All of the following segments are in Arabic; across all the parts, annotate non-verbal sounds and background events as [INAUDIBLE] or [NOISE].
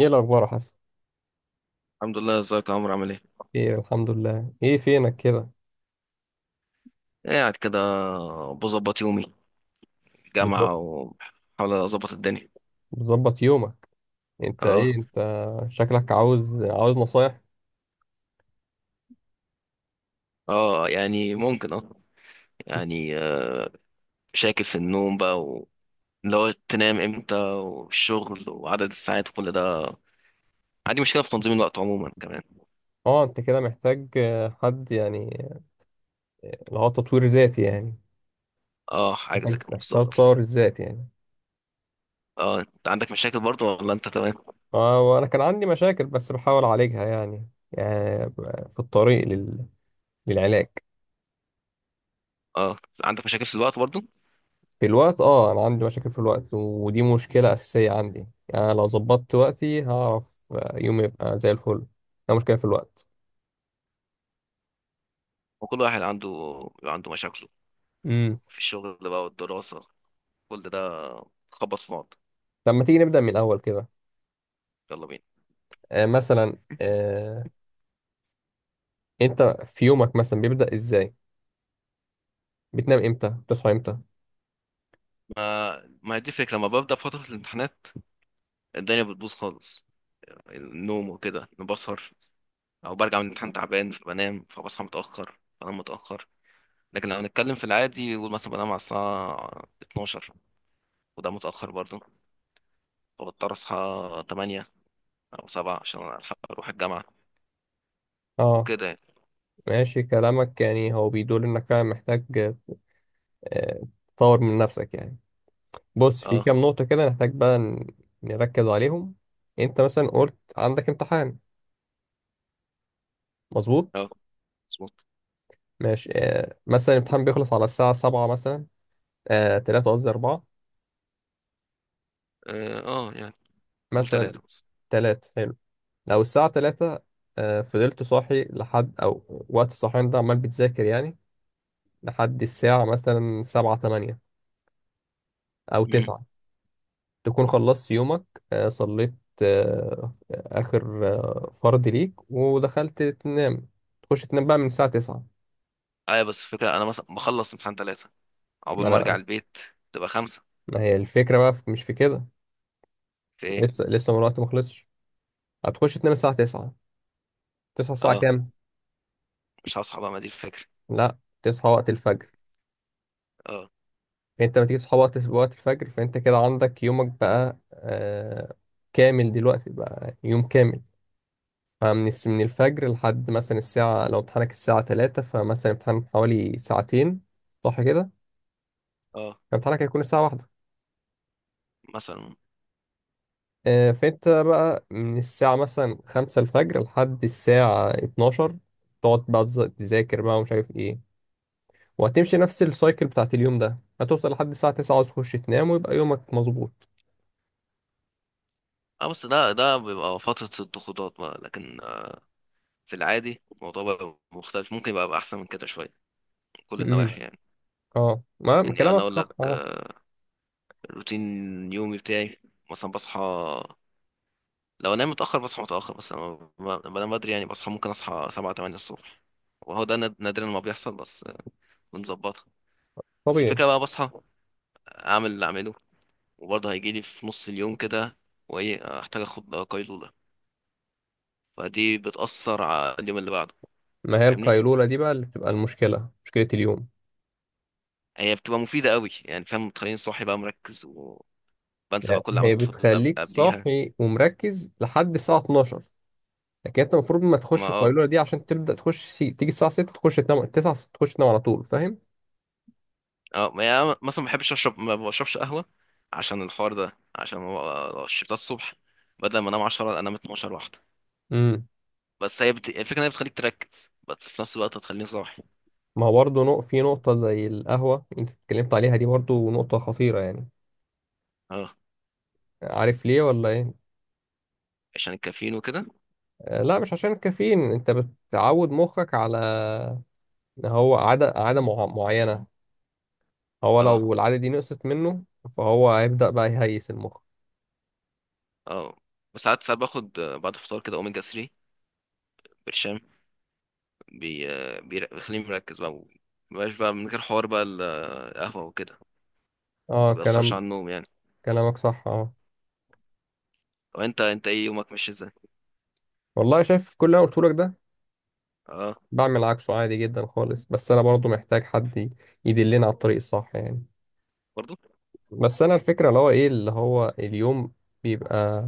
ايه الاخبار يا حسن. الحمد لله. ازيك يا عمرو؟ عامل ايه؟ ايه الحمد لله، ايه فينك كده؟ قاعد كده بظبط يومي. جامعة بتظبط وبحاول اظبط الدنيا. بتظبط يومك. انت اه، ايه انت؟ شكلك عاوز نصايح. اه، يعني ممكن اه. يعني شاكل في النوم بقى واللي هو تنام امتى والشغل وعدد الساعات وكل ده. عندي مشكلة في تنظيم الوقت عموما كمان. اه انت كده محتاج حد يعني اللي هو تطوير ذاتي يعني. اه، حاجة محتاج زي كده محتاج بالظبط. تطور الذات يعني. اه، انت عندك مشاكل برضه ولا انت تمام؟ اه وانا كان عندي مشاكل بس بحاول اعالجها يعني في الطريق للعلاج. اه، عندك مشاكل في الوقت برضه. في الوقت، اه انا عندي مشاكل في الوقت ودي مشكلة اساسية عندي، يعني لو ظبطت وقتي هعرف يومي يبقى زي الفل. ده مشكلة في الوقت. وكل واحد عنده بيبقى عنده مشاكله مم. في الشغل بقى والدراسة، كل ده خبط في بعض. طب ما تيجي نبدأ من الأول كده. يلا بينا. مثلا أنت في يومك مثلا بيبدأ إزاي؟ بتنام إمتى؟ بتصحى إمتى؟ ما هي دي الفكرة، لما ببدأ في فترة الامتحانات الدنيا بتبوظ خالص. النوم وكده أنا بسهر، أو برجع من الامتحان تعبان فبنام، فبصحى متأخر، بنام متأخر. لكن لو هنتكلم في العادي، قول مثلا بنام على الساعة 12، وده متأخر برضه، فبضطر أصحى 8 أو 7 عشان ألحق أروح الجامعة أه، وكده يعني. ماشي كلامك يعني هو بيدل إنك فعلا محتاج آه تطور من نفسك يعني. بص، في أه، كام نقطة كده نحتاج بقى نركز عليهم. أنت مثلا قلت عندك امتحان، مظبوط؟ أه، مظبوط. ماشي، مثلا الامتحان بيخلص على الساعة سبعة مثلا. تلاتة، قصدي أربعة، أه، يعني قول مثلا تلاتة بس. تلاتة. لو الساعة تلاتة، فضلت صاحي لحد أو وقت الصحيان ده عمال بتذاكر يعني لحد الساعة مثلا سبعة تمانية أو مم. تسعة، تكون خلصت يومك، صليت آخر فرض ليك ودخلت تنام. تخش تنام بقى من الساعة تسعة. أيوة، بس الفكرة أنا مثلا بخلص امتحان تلاتة، عقبال ما ما أرجع أنا- البيت تبقى خمسة. ما هي الفكرة بقى مش في كده، في إيه؟ لسه من الوقت ما خلصش. هتخش تنام الساعة تسعة، تصحى الساعة أه، كام؟ مش هصحى بقى، ما دي الفكرة. لا تصحى وقت الفجر. اه، انت لما تيجي تصحى وقت الفجر فانت كده عندك يومك بقى كامل، دلوقتي بقى يوم كامل. من الفجر لحد مثلا الساعة، لو امتحانك الساعة 3 فمثلا امتحان حوالي ساعتين، صح كده؟ اه، فامتحانك هيكون الساعة واحدة. مثلا، فانت بقى من الساعة مثلا 5 الفجر لحد الساعة 12، تقعد بقى تذاكر بقى ومش عارف ايه. وهتمشي نفس السايكل بتاعت اليوم ده، هتوصل لحد الساعة 9 عاوز تخش تنام ويبقى يومك مظبوط. اه. بس ده بيبقى فترة الضغوطات بقى، لكن في العادي الموضوع بقى مختلف، ممكن يبقى احسن من كده شوية من كل م- م. النواحي يعني. اه، ما يعني انا كلامك اقول صح لك، اه. روتين يومي بتاعي مثلا بصحى. لو انام متأخر بصحى متأخر، بس لما بنام بدري يعني بصحى، ممكن اصحى سبعة تمانية الصبح، وهو ده نادرا ما بيحصل، بس بنظبطها. بس طبيعي. الفكرة بقى بصحى، اعمل اللي اعمله، وبرضه هيجيلي في نص اليوم كده، وايه احتاج اخد قيلولة. فدي بتأثر على اليوم اللي بعده. ما هي فاهمني، القيلولة دي بقى اللي بتبقى المشكلة، مشكلة اليوم. هي بتبقى مفيدة قوي يعني، فاهم، بتخليني صاحي بقى مركز، وبنسى بقى يعني كل اللي هي عملته اللي بتخليك قبليها. صاحي ومركز لحد الساعة 12، لكن انت المفروض ما ما تخش اه القيلولة دي عشان تبدأ تخش تيجي الساعة 6 تخش تنام 9 تخش تنام على طول، فاهم؟ اه ما يعني مثلا ما بحبش اشرب، ما بشربش قهوة عشان الحوار ده، عشان ما لو شربتها الصبح بدل ما انام 10 انام 12 واحدة. امم بس هي الفكرة ان هي بتخليك تركز، بس في نفس الوقت هتخليني صاحي. ما هو برضه في نقطة زي القهوة انت اتكلمت عليها، دي برضه نقطة خطيرة يعني. اه، عارف ليه بس ولا ايه؟ عشان الكافيين وكده. لا مش عشان الكافيين، انت بتعود مخك على إن هو عادة معينة، هو لو اه، العادة دي نقصت منه فهو هيبدأ بقى يهيس المخ. اه، بس ساعات باخد، بعد الفطار كده اوميجا 3 برشام. بيخليني مركز بقى، مبقاش بقى من غير حوار بقى القهوة وكده. اه، ما بيأثرش على النوم يعني. كلامك صح اه. وانت، انت ايه، يومك ماشي ازاي؟ والله شايف كل اللي انا قلته لك ده اه، بعمل عكسه عادي جدا خالص، بس انا برضو محتاج حد يدلني على الطريق الصح يعني. برضو، بس انا الفكره اللي هو ايه، اللي هو اليوم بيبقى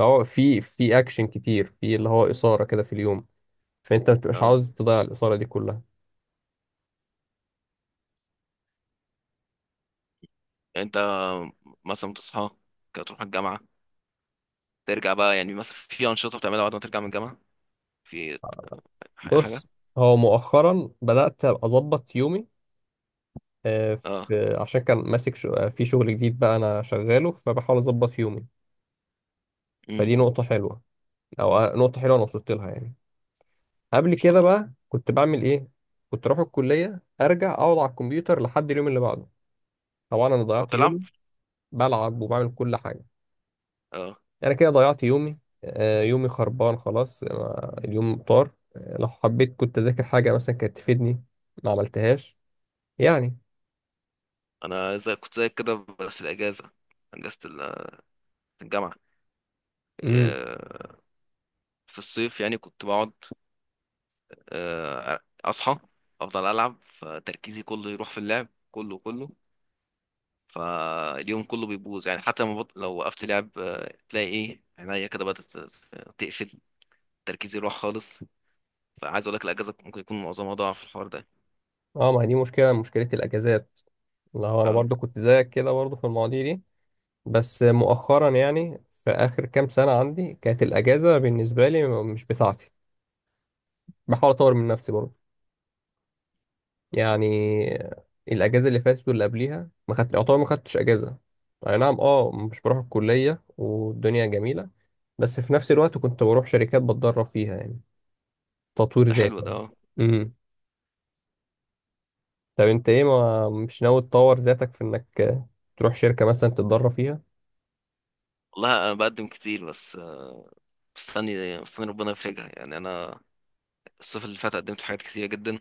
اللي هو في اكشن كتير، في اللي هو اثاره كده في اليوم، فانت ما بتبقاش اه. عاوز تضيع الاثاره دي كلها. يعني انت مثلا بتصحى كده تروح الجامعه، ترجع بقى، يعني مثلا في انشطه بتعملها بعد ما ترجع من الجامعه، في اي حاجه؟ بص، هو مؤخرا بدات أبقى اظبط يومي اه. في عشان كان ماسك في شغل جديد بقى انا شغاله فبحاول اظبط يومي. ان فدي نقطه حلوه، او نقطه حلوه انا وصلت لها يعني. قبل شاء كده الله. بقى كنت بعمل ايه؟ كنت اروح الكليه ارجع اقعد على الكمبيوتر لحد اليوم اللي بعده. طبعا انا تقعد ضيعت تلعب. يومي، بلعب وبعمل كل حاجه. اه، انا كده ضيعت يومي، يومي خربان خلاص، أنا اليوم طار، لو حبيت كنت اذاكر حاجه مثلا كانت تفيدني، ما عملتهاش يعني. انا زي كنت زي كده في الاجازه، اجازه الجامعه. امم، آه، في الصيف يعني كنت بقعد، آه، اصحى، افضل العب، فتركيزي كله يروح في اللعب كله كله. فاليوم كله بيبوظ يعني، حتى لما لو وقفت لعب، تلاقي ايه، عينيا كده بدأت تقفل، تركيزي يروح خالص. فعايز اقول لك الاجازه ممكن يكون معظمها ضاع في الحوار ده. اه، ما هي دي مشكله الاجازات. لا هو انا اه، برضو كنت زيك كده برضو في المواضيع دي، بس مؤخرا يعني في اخر كام سنه عندي كانت الاجازه بالنسبه لي مش بتاعتي، بحاول اطور من نفسي برضه يعني. الاجازه اللي فاتت واللي قبليها ما خدت يعتبر ما خدتش اجازه. اي نعم اه، مش بروح الكليه والدنيا جميله، بس في نفس الوقت كنت بروح شركات بتدرب فيها يعني. تطوير ده حلو ذاتي ده، يعني. اه. امم، طب انت ايه، ما مش ناوي تطور ذاتك في انك تروح شركه مثلا تتدرب فيها؟ والله انا بقدم كتير، بس مستني مستني ربنا يفرجها يعني. انا الصيف اللي فات قدمت في حاجات كتيره جدا،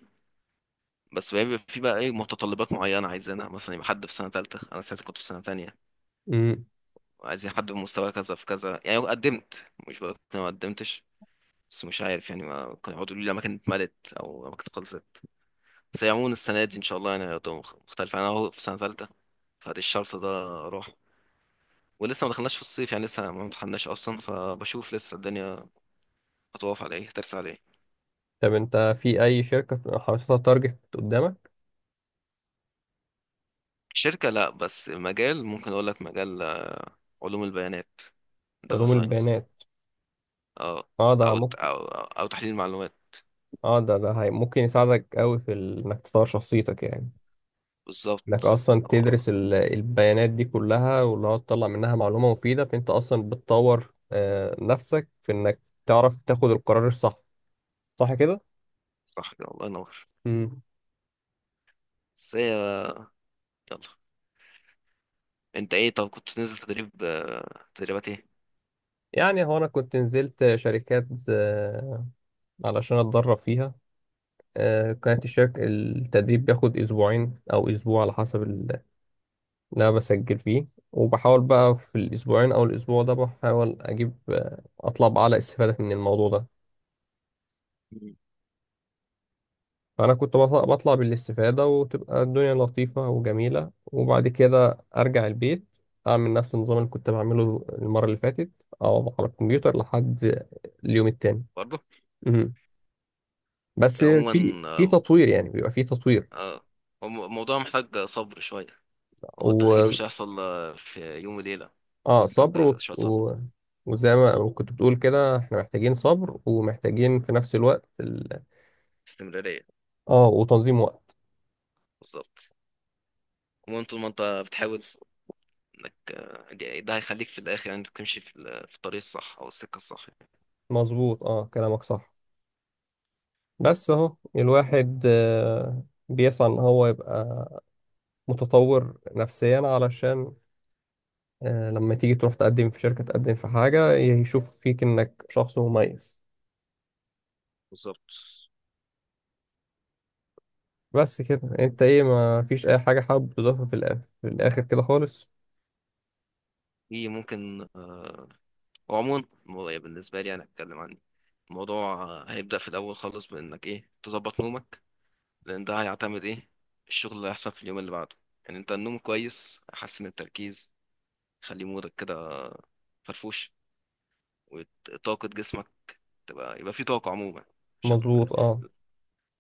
بس بيبقى في بقى ايه، متطلبات معينه عايزينها، مثلا يبقى حد في سنه ثالثه، انا ساعتها كنت في سنه ثانيه. امم، عايزين حد بمستوى كذا في كذا يعني. قدمت، مش بقول إن أنا ما قدمتش، بس مش عارف يعني، ما كانوا يقعدوا يقولوا لي الأماكن اتملت أو الأماكن خلصت. بس هي عموما السنة دي إن شاء الله يعني هتبقى مختلفة، أنا أهو في سنة تالتة، فدي الشرط ده أروح. ولسه ما دخلناش في الصيف يعني، لسه ما امتحناش أصلا، فبشوف لسه الدنيا هتقف على إيه، هترسى على إيه. طب انت في اي شركه حاططها تارجت قدامك؟ شركة لأ، بس مجال. ممكن أقول لك مجال علوم البيانات، داتا علوم ساينس. البيانات، أه. اه ده أو ممكن. أو أو تحليل المعلومات. اه، ده ممكن يساعدك قوي في انك تطور شخصيتك يعني. انك بالظبط. اصلا أه، تدرس البيانات دي كلها، واللي هو تطلع منها معلومة مفيدة، فانت اصلا بتطور نفسك في انك تعرف تاخد القرار الصح، صح كده؟ صح كده، الله ينور. امم. بس يلا، أنت إيه؟ طب كنت تنزل تدريب تدريبات إيه؟ يعني هو انا كنت نزلت شركات علشان اتدرب فيها. كانت الشركة التدريب بياخد اسبوعين او اسبوع على حسب اللي انا بسجل فيه، وبحاول بقى في الاسبوعين او الاسبوع ده بحاول اجيب آه، اطلع باعلى استفادة من الموضوع ده. مم. فأنا كنت بطلع بالاستفادة وتبقى الدنيا لطيفة وجميلة، وبعد كده أرجع البيت أعمل نفس النظام اللي كنت بعمله المرة اللي فاتت، أقعد على الكمبيوتر لحد اليوم التاني. برضه. مهم. بس عموما، في تطوير يعني، بيبقى في تطوير آه، هو الموضوع محتاج صبر شوية. هو التغيير و مش هيحصل في يوم وليلة. محتاج صبر شوية صبر. وزي ما كنت بتقول كده احنا محتاجين صبر ومحتاجين في نفس الوقت استمرارية. اه، وتنظيم وقت. بالظبط. المهم طول ما انت بتحاول، انك، ده هيخليك في الآخر، يعني انت تمشي في في الطريق الصح أو السكة الصح يعني. مظبوط اه، كلامك صح. بس اهو الواحد بيسعى ان هو يبقى متطور نفسيا علشان لما تيجي تروح تقدم في شركة، تقدم في حاجة، يشوف فيك إنك شخص مميز. بالظبط. بس كده، أنت إيه، ما فيش أي حاجة حابب تضيفها في الآخر كده خالص؟ دي ممكن وعموما بالنسبة لي أنا أتكلم عن الموضوع. هيبدأ في الأول خالص بإنك إيه تظبط نومك، لأن ده هيعتمد إيه، الشغل اللي هيحصل في اليوم اللي بعده. يعني أنت النوم كويس هيحسن التركيز، خلي مودك كده فرفوش، وطاقة جسمك تبقى، يبقى فيه طاقة عموما، عشان مظبوط أه.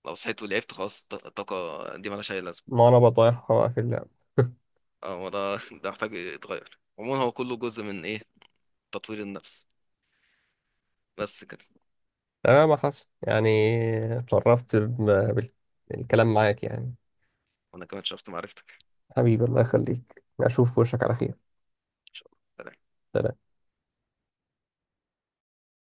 لو صحيت ولعبت خلاص الطاقة دي مالهاش أي لازمة. ما أنا بطايحها بقى في اللعب. [LAUGHS] اه، هو ده [LAUGHS] ده محتاج يتغير عموما، هو كله جزء من إيه، تطوير النفس، بس كده. تمام يا حسن يعني، اتشرفت بالكلام معاك يعني. وأنا كمان شفت معرفتك. حبيبي الله يخليك، أشوف وشك على خير. إن شاء الله، سلام. سلام.